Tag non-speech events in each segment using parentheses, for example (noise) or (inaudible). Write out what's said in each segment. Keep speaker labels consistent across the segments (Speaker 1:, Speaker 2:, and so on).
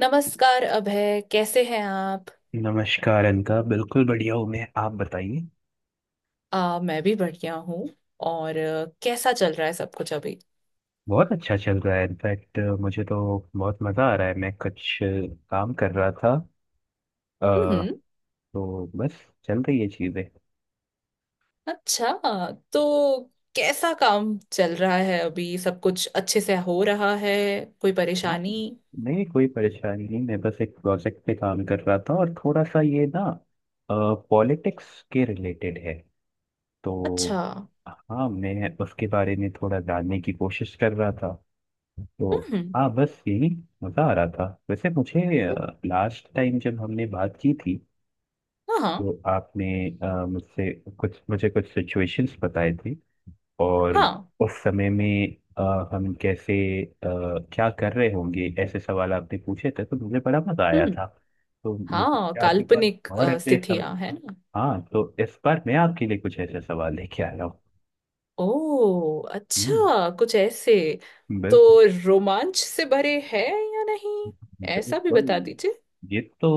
Speaker 1: नमस्कार अभय, कैसे हैं आप?
Speaker 2: नमस्कार अनका। बिल्कुल बढ़िया हूँ मैं। आप बताइए।
Speaker 1: मैं भी बढ़िया हूँ। और कैसा चल रहा है सब कुछ अभी?
Speaker 2: बहुत अच्छा चल रहा है। इनफैक्ट मुझे तो बहुत मज़ा आ रहा है। मैं कुछ काम कर रहा था। अ,
Speaker 1: हम्म।
Speaker 2: तो बस चल रही है चीज़ें।
Speaker 1: अच्छा। तो कैसा काम चल रहा है अभी? सब कुछ अच्छे से हो रहा है? कोई
Speaker 2: हाँ,
Speaker 1: परेशानी?
Speaker 2: नहीं कोई परेशानी नहीं। मैं बस एक प्रोजेक्ट पे काम कर रहा था और थोड़ा सा ये ना पॉलिटिक्स के रिलेटेड है। तो
Speaker 1: अच्छा।
Speaker 2: हाँ, मैं उसके बारे में थोड़ा जानने की कोशिश कर रहा था। तो
Speaker 1: हम्म।
Speaker 2: हाँ, बस यही। मज़ा आ रहा था वैसे मुझे। लास्ट टाइम जब हमने बात की थी
Speaker 1: हाँ, हाँ।
Speaker 2: तो आपने अ, मुझसे कुछ मुझे कुछ सिचुएशंस बताए थे, और
Speaker 1: हाँ।
Speaker 2: उस समय में हम कैसे अ, क्या कर रहे होंगे ऐसे सवाल आपने पूछे थे तो मुझे बड़ा मज़ा आया
Speaker 1: हम्म।
Speaker 2: था। तो मुझे
Speaker 1: हाँ,
Speaker 2: क्या आपके पास
Speaker 1: काल्पनिक
Speaker 2: और ऐसे सव...
Speaker 1: स्थितियां है ना।
Speaker 2: हाँ, तो इस बार मैं आपके लिए कुछ ऐसे सवाल लेके आया हूँ।
Speaker 1: ओ
Speaker 2: हम्म,
Speaker 1: अच्छा, कुछ ऐसे। तो
Speaker 2: बिल-
Speaker 1: रोमांच से भरे है या नहीं, ऐसा भी
Speaker 2: बिल्कुल।
Speaker 1: बता दीजिए।
Speaker 2: ये तो,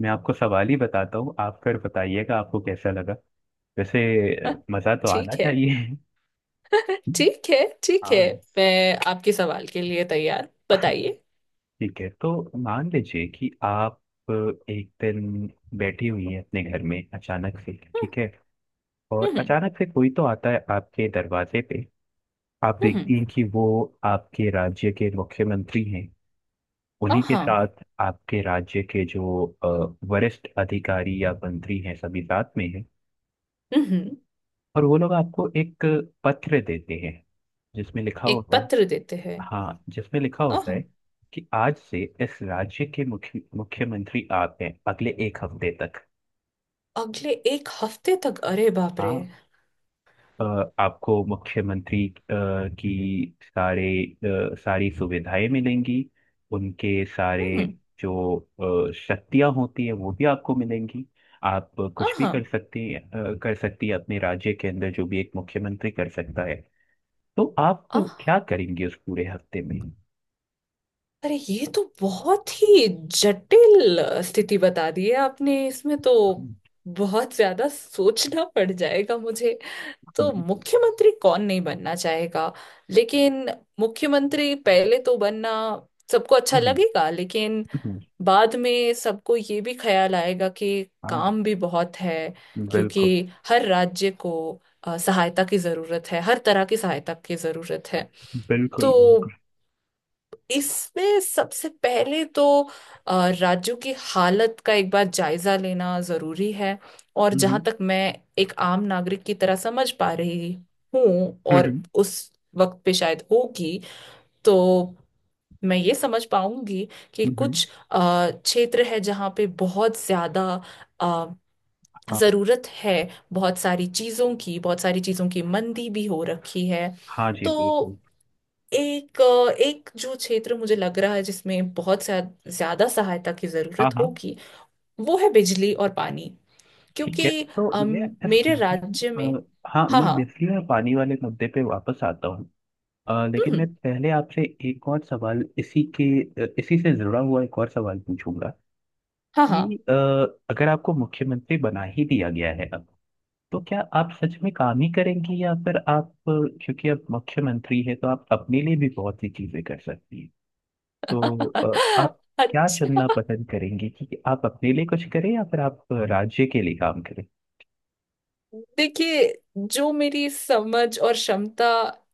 Speaker 2: मैं आपको सवाल ही बताता हूँ, आप फिर बताइएगा आपको कैसा लगा। वैसे
Speaker 1: (laughs)
Speaker 2: मजा तो
Speaker 1: ठीक
Speaker 2: आना
Speaker 1: है।
Speaker 2: चाहिए।
Speaker 1: ठीक है। ठीक है।
Speaker 2: हाँ
Speaker 1: मैं आपके सवाल के लिए तैयार, बताइए।
Speaker 2: ठीक है। तो मान लीजिए कि आप अ, एक दिन बैठी हुई हैं अपने घर में अचानक से,
Speaker 1: हम्म।
Speaker 2: ठीक है। और
Speaker 1: हम्म।
Speaker 2: अचानक से कोई तो आता है आपके दरवाजे पे। आप
Speaker 1: हम्म।
Speaker 2: देखती हैं कि वो आपके राज्य के मुख्यमंत्री हैं। उन्हीं के
Speaker 1: आहा।
Speaker 2: साथ आपके राज्य के जो वरिष्ठ अधिकारी या मंत्री हैं सभी साथ में हैं।
Speaker 1: हम्म।
Speaker 2: और वो लोग आपको एक पत्र देते हैं, जिसमें लिखा
Speaker 1: एक
Speaker 2: होता है।
Speaker 1: पत्र देते हैं।
Speaker 2: हाँ, जिसमें लिखा होता
Speaker 1: आहा।
Speaker 2: है कि आज से इस राज्य के मुख्यमंत्री आप हैं अगले एक हफ्ते तक।
Speaker 1: अगले एक हफ्ते तक? अरे बाप रे।
Speaker 2: हाँ, अ, आपको मुख्यमंत्री की सारी सुविधाएं मिलेंगी। उनके सारे
Speaker 1: हम्म।
Speaker 2: जो शक्तियां होती हैं वो भी आपको मिलेंगी। आप कुछ भी
Speaker 1: आहा।
Speaker 2: कर सकती अ, कर सकती है अपने राज्य के अंदर जो भी एक मुख्यमंत्री कर सकता है। तो आप
Speaker 1: आहा,
Speaker 2: क्या करेंगे उस पूरे हफ्ते में?
Speaker 1: अरे ये तो बहुत ही जटिल स्थिति बता दी है आपने, इसमें तो
Speaker 2: हम्म,
Speaker 1: बहुत ज्यादा सोचना पड़ जाएगा मुझे। तो
Speaker 2: बिल्कुल।
Speaker 1: मुख्यमंत्री कौन नहीं बनना चाहेगा, लेकिन मुख्यमंत्री पहले तो बनना सबको अच्छा
Speaker 2: हम्म,
Speaker 1: लगेगा, लेकिन
Speaker 2: हम्म,
Speaker 1: बाद में सबको ये भी ख्याल आएगा कि
Speaker 2: हाँ
Speaker 1: काम भी बहुत है, क्योंकि
Speaker 2: बिल्कुल
Speaker 1: हर राज्य को सहायता की जरूरत है, हर तरह की सहायता की जरूरत है। तो
Speaker 2: बिल्कुल। बिल्कुल।
Speaker 1: इसमें सबसे पहले तो राज्यों की हालत का एक बार जायजा लेना जरूरी है। और जहां
Speaker 2: हम्म,
Speaker 1: तक मैं एक आम नागरिक की तरह समझ पा रही हूँ, और
Speaker 2: हम्म,
Speaker 1: उस वक्त पे शायद होगी, तो मैं ये समझ पाऊंगी कि
Speaker 2: हम्म, हम्म।
Speaker 1: कुछ क्षेत्र है जहाँ पे बहुत ज्यादा अ,
Speaker 2: हाँ।
Speaker 1: जरूरत है। बहुत सारी चीजों की, बहुत सारी चीजों की मंदी भी हो रखी है।
Speaker 2: हाँ जी,
Speaker 1: तो
Speaker 2: बिल्कुल।
Speaker 1: एक जो क्षेत्र मुझे लग रहा है जिसमें बहुत सा ज्यादा सहायता की
Speaker 2: हाँ
Speaker 1: जरूरत
Speaker 2: हाँ।
Speaker 1: होगी, वो है बिजली और पानी।
Speaker 2: ठीक है,
Speaker 1: क्योंकि
Speaker 2: तो
Speaker 1: मेरे राज्य में।
Speaker 2: हाँ,
Speaker 1: हाँ,
Speaker 2: मैं
Speaker 1: हाँ।
Speaker 2: बिजली और पानी वाले मुद्दे पे वापस आता हूँ। लेकिन मैं
Speaker 1: हम्म।
Speaker 2: पहले आपसे एक और सवाल इसी से जुड़ा हुआ एक और सवाल पूछूंगा
Speaker 1: हाँ, हाँ।
Speaker 2: कि अगर आपको मुख्यमंत्री बना ही दिया गया है तो क्या आप सच में काम ही करेंगी, या फिर आप, क्योंकि आप मुख्यमंत्री हैं तो आप अपने लिए भी बहुत सी चीजें कर सकती हैं, तो
Speaker 1: (laughs)
Speaker 2: आप क्या
Speaker 1: अच्छा।
Speaker 2: चुनना पसंद करेंगी, कि आप अपने लिए कुछ करें या फिर आप राज्य के लिए काम करें?
Speaker 1: देखिए, जो मेरी समझ और क्षमता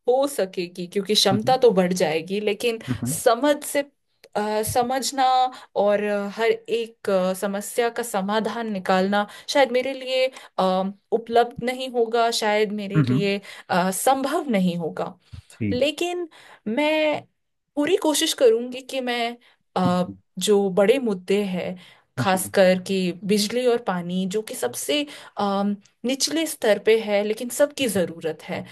Speaker 1: हो सकेगी, क्योंकि
Speaker 2: हम्म।
Speaker 1: क्षमता तो बढ़ जाएगी, लेकिन
Speaker 2: हम्म।
Speaker 1: समझ से समझना और हर एक समस्या का समाधान निकालना शायद मेरे लिए अ, उपलब्ध नहीं होगा, शायद मेरे
Speaker 2: हम्म।
Speaker 1: लिए संभव नहीं होगा।
Speaker 2: जी।
Speaker 1: लेकिन मैं पूरी कोशिश करूंगी कि मैं अ,
Speaker 2: जी।
Speaker 1: जो बड़े मुद्दे हैं,
Speaker 2: जी,
Speaker 1: खासकर कि बिजली और पानी जो कि सबसे निचले स्तर पे है लेकिन सबकी जरूरत है,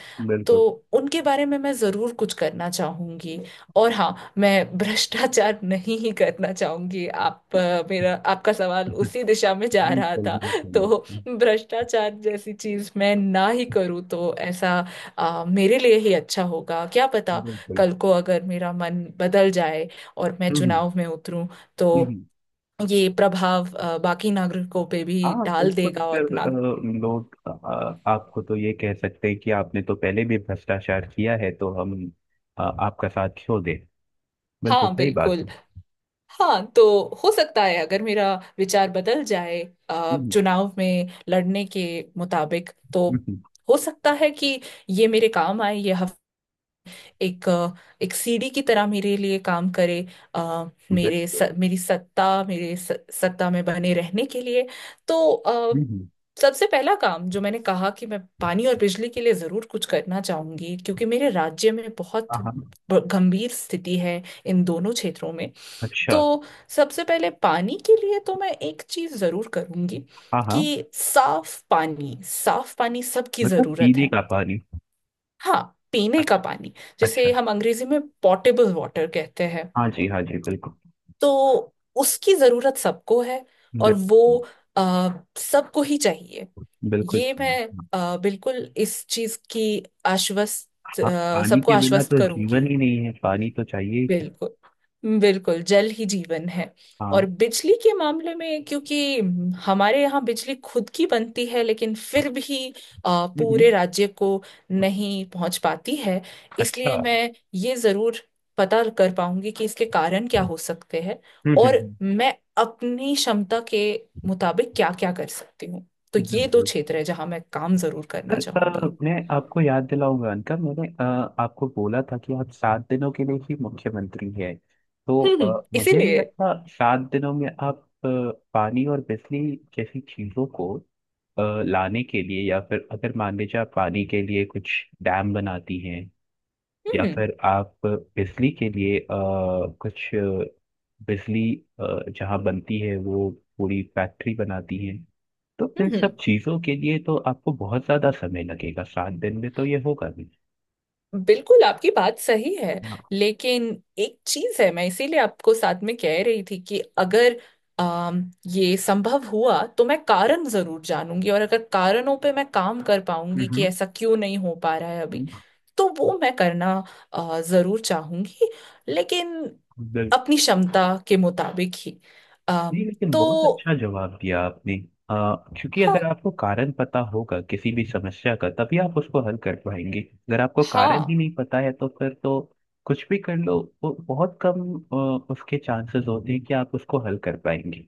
Speaker 1: तो
Speaker 2: बिल्कुल।
Speaker 1: उनके बारे में मैं जरूर कुछ करना चाहूंगी। और हाँ, मैं भ्रष्टाचार (laughs) नहीं ही करना चाहूंगी, आप मेरा आपका सवाल
Speaker 2: (laughs)
Speaker 1: उसी दिशा में जा रहा
Speaker 2: बिल्कुल।
Speaker 1: था। (laughs) तो
Speaker 2: बिल्कुल।
Speaker 1: भ्रष्टाचार जैसी चीज मैं ना ही करूँ तो ऐसा मेरे लिए ही अच्छा होगा, क्या पता,
Speaker 2: बिल्कुल।
Speaker 1: कल को अगर मेरा मन बदल जाए और मैं
Speaker 2: हम्म।
Speaker 1: चुनाव में उतरूं, तो
Speaker 2: हम्म।
Speaker 1: ये प्रभाव बाकी नागरिकों पे भी
Speaker 2: हाँ
Speaker 1: डाल
Speaker 2: बिल्कुल।
Speaker 1: देगा,
Speaker 2: फिर
Speaker 1: और ना।
Speaker 2: लोग आपको तो ये कह सकते हैं कि आपने तो पहले भी भ्रष्टाचार किया है, तो हम आपका साथ छोड़ दें। बिल्कुल
Speaker 1: हाँ
Speaker 2: सही बात
Speaker 1: बिल्कुल।
Speaker 2: है।
Speaker 1: हाँ, तो हो सकता है अगर मेरा विचार बदल जाए,
Speaker 2: हम्म,
Speaker 1: चुनाव में लड़ने के मुताबिक, तो
Speaker 2: हम्म, हम्म,
Speaker 1: हो सकता है कि ये मेरे काम आए, ये हफ एक अ, एक सीढ़ी की तरह मेरे लिए काम करे, अ,
Speaker 2: बिल्कुल।
Speaker 1: मेरी सत्ता सत्ता में बने रहने के लिए। तो
Speaker 2: हम्म।
Speaker 1: सबसे पहला काम जो मैंने कहा कि मैं पानी और बिजली के लिए जरूर कुछ करना चाहूंगी, क्योंकि मेरे राज्य में
Speaker 2: हाँ
Speaker 1: बहुत
Speaker 2: हाँ।
Speaker 1: गंभीर स्थिति है इन दोनों क्षेत्रों में।
Speaker 2: अच्छा।
Speaker 1: तो सबसे पहले पानी के लिए तो मैं एक चीज जरूर करूंगी,
Speaker 2: हाँ हाँ।
Speaker 1: कि साफ पानी, साफ पानी सबकी
Speaker 2: मतलब
Speaker 1: जरूरत
Speaker 2: पीने
Speaker 1: है।
Speaker 2: का पानी?
Speaker 1: हाँ, पीने का
Speaker 2: अच्छा।
Speaker 1: पानी
Speaker 2: अच्छा।
Speaker 1: जिसे हम अंग्रेजी में पॉटेबल वाटर कहते हैं।
Speaker 2: हाँ जी, हाँ जी, बिल्कुल।
Speaker 1: तो उसकी जरूरत सबको है, और वो
Speaker 2: बिल्कुल।
Speaker 1: आ, सबको ही चाहिए।
Speaker 2: बिल्कुल
Speaker 1: ये
Speaker 2: सही।
Speaker 1: मैं बिल्कुल इस चीज की आश्वस्त,
Speaker 2: हाँ, पानी
Speaker 1: सबको
Speaker 2: के बिना
Speaker 1: आश्वस्त
Speaker 2: तो जीवन
Speaker 1: करूंगी।
Speaker 2: ही नहीं है, पानी तो चाहिए ही चाहिए।
Speaker 1: बिल्कुल बिल्कुल, जल ही जीवन है।
Speaker 2: हाँ।
Speaker 1: और बिजली के मामले में, क्योंकि हमारे यहाँ बिजली खुद की बनती है लेकिन फिर भी
Speaker 2: हम्म।
Speaker 1: पूरे राज्य को नहीं पहुंच पाती है।
Speaker 2: अच्छा।
Speaker 1: इसलिए मैं ये जरूर पता कर पाऊंगी कि इसके कारण क्या हो सकते हैं।
Speaker 2: हम्म।
Speaker 1: और मैं अपनी क्षमता के मुताबिक क्या क्या कर सकती हूँ। तो ये दो
Speaker 2: बिल्कुल।
Speaker 1: क्षेत्र है जहाँ मैं काम जरूर करना
Speaker 2: सर,
Speaker 1: चाहूंगी।
Speaker 2: मैं आपको याद दिलाऊंगा अनका। मैंने आपको बोला था कि आप 7 दिनों के लिए ही मुख्यमंत्री हैं। तो
Speaker 1: हम्म।
Speaker 2: मुझे नहीं
Speaker 1: इसीलिए।
Speaker 2: लगता 7 दिनों में आप अ, पानी और बिजली जैसी चीजों को अ, लाने के लिए, या फिर अगर मान लीजिए आप पानी के लिए कुछ डैम बनाती हैं, या
Speaker 1: हम्म।
Speaker 2: फिर आप बिजली के लिए अ, कुछ अ, बिजली अ, जहाँ बनती है वो पूरी फैक्ट्री बनाती है, तो इन
Speaker 1: हम्म।
Speaker 2: सब
Speaker 1: हम्म।
Speaker 2: चीजों के लिए तो आपको बहुत ज्यादा समय लगेगा, 7 दिन में तो ये होगा भी।
Speaker 1: बिल्कुल, आपकी बात सही है।
Speaker 2: हाँ।
Speaker 1: लेकिन एक चीज है, मैं इसीलिए आपको साथ में कह रही थी कि अगर अम ये संभव हुआ, तो मैं कारण जरूर जानूंगी, और अगर कारणों पे मैं काम कर पाऊंगी कि
Speaker 2: हम्म,
Speaker 1: ऐसा क्यों नहीं हो पा रहा है अभी,
Speaker 2: हम्म,
Speaker 1: तो वो मैं करना जरूर चाहूंगी, लेकिन
Speaker 2: बिल्कुल।
Speaker 1: अपनी क्षमता के मुताबिक ही। अम
Speaker 2: नहीं, लेकिन
Speaker 1: तो
Speaker 2: बहुत अच्छा जवाब दिया आपने। क्योंकि
Speaker 1: हाँ,
Speaker 2: अगर आपको कारण पता होगा किसी भी समस्या का तभी आप उसको हल कर पाएंगे। अगर आपको कारण ही
Speaker 1: हाँ।
Speaker 2: नहीं पता है तो फिर तो कुछ भी कर लो, वो बहुत कम उसके चांसेस होते हैं कि आप उसको हल कर पाएंगे।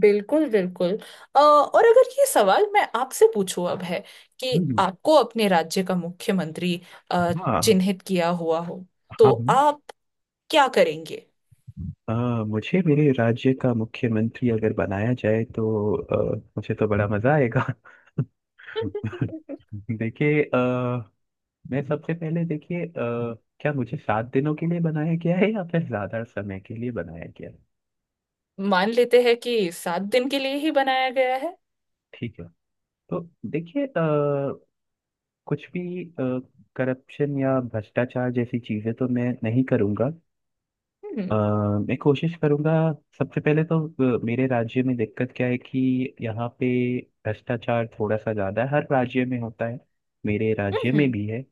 Speaker 1: बिल्कुल बिल्कुल। और अगर ये सवाल मैं आपसे पूछूं अब है, कि
Speaker 2: हम्म,
Speaker 1: आपको अपने राज्य का मुख्यमंत्री अ,
Speaker 2: हाँ
Speaker 1: चिन्हित किया हुआ हो, तो
Speaker 2: हाँ।
Speaker 1: आप क्या करेंगे?
Speaker 2: अ, मुझे मेरे राज्य का मुख्यमंत्री अगर बनाया जाए तो मुझे तो बड़ा मजा आएगा। (laughs)
Speaker 1: (laughs)
Speaker 2: देखिए, मैं सबसे पहले, देखिए क्या मुझे 7 दिनों के लिए बनाया गया है या फिर ज्यादा समय के लिए बनाया गया है?
Speaker 1: मान लेते हैं कि 7 दिन के लिए ही बनाया गया है।
Speaker 2: ठीक है, तो देखिए, कुछ भी करप्शन या भ्रष्टाचार जैसी चीजें तो मैं नहीं करूंगा। अ,
Speaker 1: हम्म।
Speaker 2: मैं कोशिश करूंगा, सबसे पहले तो मेरे राज्य में दिक्कत क्या है कि यहाँ पे भ्रष्टाचार थोड़ा सा ज्यादा है। हर राज्य में होता है, मेरे राज्य में
Speaker 1: हम्म।
Speaker 2: भी है।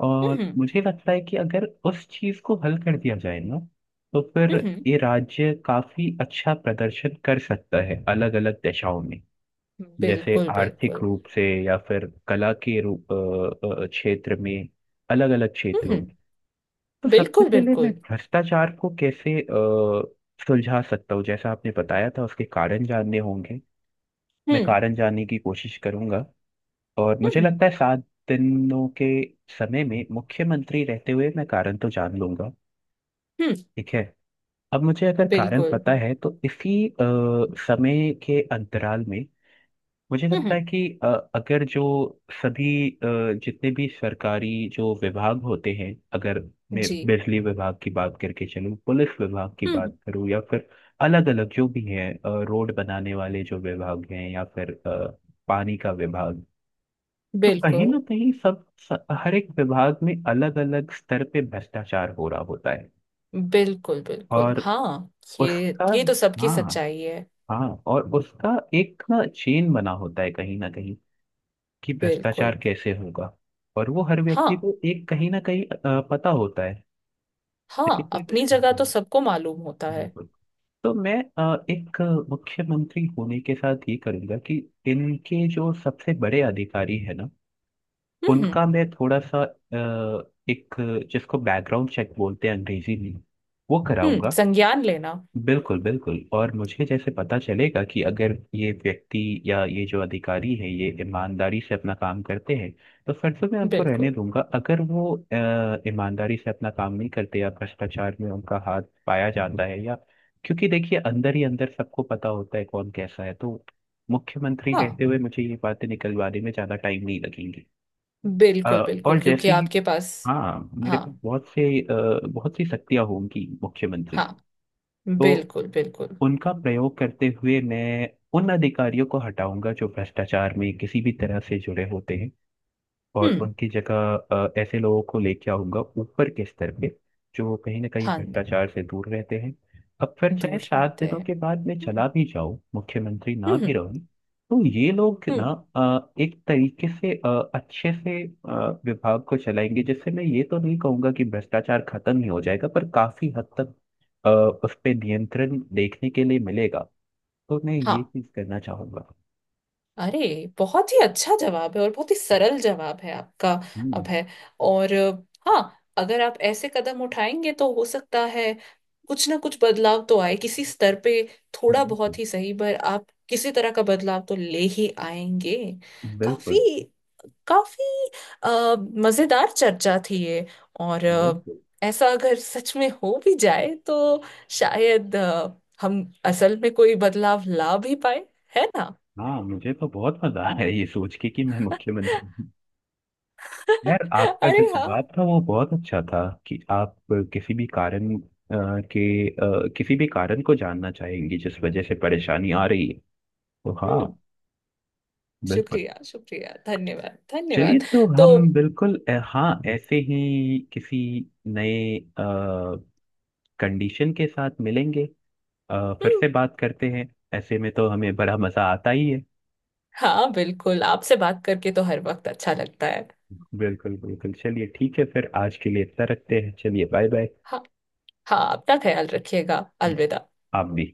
Speaker 2: और
Speaker 1: हम्म।
Speaker 2: मुझे लगता है कि अगर उस चीज को हल कर दिया जाए ना, तो फिर
Speaker 1: हम्म। हम्म।
Speaker 2: ये राज्य काफी अच्छा प्रदर्शन कर सकता है अलग अलग दिशाओं में। जैसे
Speaker 1: बिल्कुल
Speaker 2: आर्थिक
Speaker 1: बिल्कुल।
Speaker 2: रूप से या फिर कला के रूप अ, अ, क्षेत्र में, अलग अलग क्षेत्रों में।
Speaker 1: हम्म।
Speaker 2: तो सबसे
Speaker 1: बिल्कुल
Speaker 2: पहले, मैं
Speaker 1: बिल्कुल।
Speaker 2: भ्रष्टाचार को कैसे सुलझा सकता हूँ, जैसा आपने बताया था, उसके कारण जानने होंगे। मैं
Speaker 1: हम्म।
Speaker 2: कारण जानने की कोशिश करूंगा। और मुझे
Speaker 1: हम्म।
Speaker 2: लगता है 7 दिनों के समय में मुख्यमंत्री रहते हुए मैं कारण तो जान लूंगा।
Speaker 1: हम्म।
Speaker 2: ठीक है, अब मुझे अगर कारण
Speaker 1: बिल्कुल।
Speaker 2: पता है तो इसी समय के अंतराल में मुझे लगता
Speaker 1: हम्म।
Speaker 2: है कि अ, अगर जो सभी अ, जितने भी सरकारी जो विभाग होते हैं, अगर मैं
Speaker 1: जी।
Speaker 2: बिजली विभाग की बात करके चलूँ, पुलिस विभाग की
Speaker 1: हम्म।
Speaker 2: बात करूँ, या फिर अलग अलग जो भी हैं, रोड बनाने वाले जो विभाग हैं, या फिर पानी का विभाग, तो कहीं
Speaker 1: बिल्कुल
Speaker 2: ना कहीं हर एक विभाग में अलग अलग स्तर पे भ्रष्टाचार हो रहा होता है।
Speaker 1: बिल्कुल। बिल्कुल
Speaker 2: और
Speaker 1: हाँ, ये
Speaker 2: उसका,
Speaker 1: ये तो सबकी
Speaker 2: हाँ
Speaker 1: सच्चाई है।
Speaker 2: हाँ, और उसका एक ना, चेन बना होता है कहीं ना कहीं, कि
Speaker 1: बिल्कुल।
Speaker 2: भ्रष्टाचार कैसे होगा। और वो हर
Speaker 1: हाँ
Speaker 2: व्यक्ति को एक कहीं ना कहीं पता होता है। लेकिन
Speaker 1: हाँ,
Speaker 2: कोई कुछ
Speaker 1: अपनी जगह
Speaker 2: नहीं।
Speaker 1: तो सबको मालूम होता है।
Speaker 2: बिल्कुल। तो मैं एक मुख्यमंत्री होने के साथ ये करूंगा कि इनके जो सबसे बड़े अधिकारी है ना,
Speaker 1: हम्म। हम्म।
Speaker 2: उनका मैं थोड़ा सा एक जिसको बैकग्राउंड चेक बोलते हैं अंग्रेजी में, वो कराऊंगा।
Speaker 1: संज्ञान लेना।
Speaker 2: बिल्कुल बिल्कुल। और मुझे जैसे पता चलेगा कि अगर ये व्यक्ति या ये जो अधिकारी है ये ईमानदारी से अपना काम करते हैं, तो फिर तो मैं उनको रहने
Speaker 1: बिल्कुल,
Speaker 2: दूंगा। अगर वो ईमानदारी से अपना काम नहीं करते या भ्रष्टाचार में उनका हाथ पाया जाता है, या, क्योंकि देखिए, अंदर ही अंदर सबको पता होता है कौन कैसा है, तो मुख्यमंत्री रहते
Speaker 1: हाँ
Speaker 2: हुए मुझे ये बातें निकलवाने में ज्यादा टाइम नहीं लगेंगे। अ,
Speaker 1: बिल्कुल
Speaker 2: और
Speaker 1: बिल्कुल, क्योंकि
Speaker 2: जैसे ही
Speaker 1: आपके पास।
Speaker 2: हाँ, मेरे पास
Speaker 1: हाँ,
Speaker 2: बहुत सी शक्तियां होंगी मुख्यमंत्री,
Speaker 1: हाँ।
Speaker 2: तो
Speaker 1: बिल्कुल बिल्कुल।
Speaker 2: उनका प्रयोग करते हुए मैं उन अधिकारियों को हटाऊंगा जो भ्रष्टाचार में किसी भी तरह से जुड़े होते हैं, और
Speaker 1: हम्म।
Speaker 2: उनकी जगह ऐसे लोगों को लेके आऊंगा ऊपर के स्तर पे, जो कहीं ना कहीं
Speaker 1: हाँ,
Speaker 2: भ्रष्टाचार से दूर रहते हैं। अब फिर चाहे
Speaker 1: दूर
Speaker 2: सात
Speaker 1: रहते
Speaker 2: दिनों के
Speaker 1: हैं।
Speaker 2: बाद मैं चला
Speaker 1: हम्म।
Speaker 2: भी जाऊं, मुख्यमंत्री ना भी
Speaker 1: हम्म।
Speaker 2: रहूं, तो ये लोग ना
Speaker 1: हम्म।
Speaker 2: एक तरीके से अच्छे से विभाग को चलाएंगे, जिससे मैं ये तो नहीं कहूंगा कि भ्रष्टाचार खत्म ही हो जाएगा, पर काफी हद तक अ, उस पे नियंत्रण देखने के लिए मिलेगा। तो मैं ये
Speaker 1: हाँ।
Speaker 2: चीज करना चाहूंगा।
Speaker 1: अरे, बहुत ही अच्छा जवाब है, और बहुत ही सरल जवाब है आपका। अब
Speaker 2: हम्म,
Speaker 1: है। और हाँ, अगर आप ऐसे कदम उठाएंगे तो हो सकता है कुछ ना कुछ बदलाव तो आए किसी स्तर पे, थोड़ा
Speaker 2: बिल्कुल
Speaker 1: बहुत ही सही, पर आप किसी तरह का बदलाव तो ले ही आएंगे। काफी,
Speaker 2: बिल्कुल।
Speaker 1: काफी अ, मजेदार चर्चा थी ये। और
Speaker 2: बिल्कुल।
Speaker 1: ऐसा अगर सच में हो भी जाए तो शायद हम असल में कोई बदलाव ला भी पाए, है ना?
Speaker 2: हाँ, मुझे तो बहुत मजा आया ये सोच के कि मैं मुख्यमंत्री हूँ। यार,
Speaker 1: (laughs)
Speaker 2: आपका
Speaker 1: अरे
Speaker 2: जो जवाब
Speaker 1: हाँ।
Speaker 2: था वो बहुत अच्छा था, कि आप किसी भी कारण अ, किसी भी कारण को जानना चाहेंगे जिस वजह से परेशानी आ रही है। तो हाँ,
Speaker 1: हम्म।
Speaker 2: बिल्कुल।
Speaker 1: शुक्रिया शुक्रिया, धन्यवाद
Speaker 2: चलिए,
Speaker 1: धन्यवाद।
Speaker 2: तो
Speaker 1: तो।
Speaker 2: हाँ, ऐसे ही किसी नए कंडीशन के साथ मिलेंगे, फिर
Speaker 1: हम्म।
Speaker 2: से बात करते हैं। ऐसे में तो हमें बड़ा मजा आता ही है।
Speaker 1: हाँ बिल्कुल, आपसे बात करके तो हर वक्त अच्छा लगता है।
Speaker 2: बिल्कुल बिल्कुल। चलिए ठीक है, फिर आज के लिए इतना रखते हैं। चलिए, बाय बाय।
Speaker 1: हाँ। हाँ, अपना ख्याल रखिएगा, अलविदा।
Speaker 2: आप भी।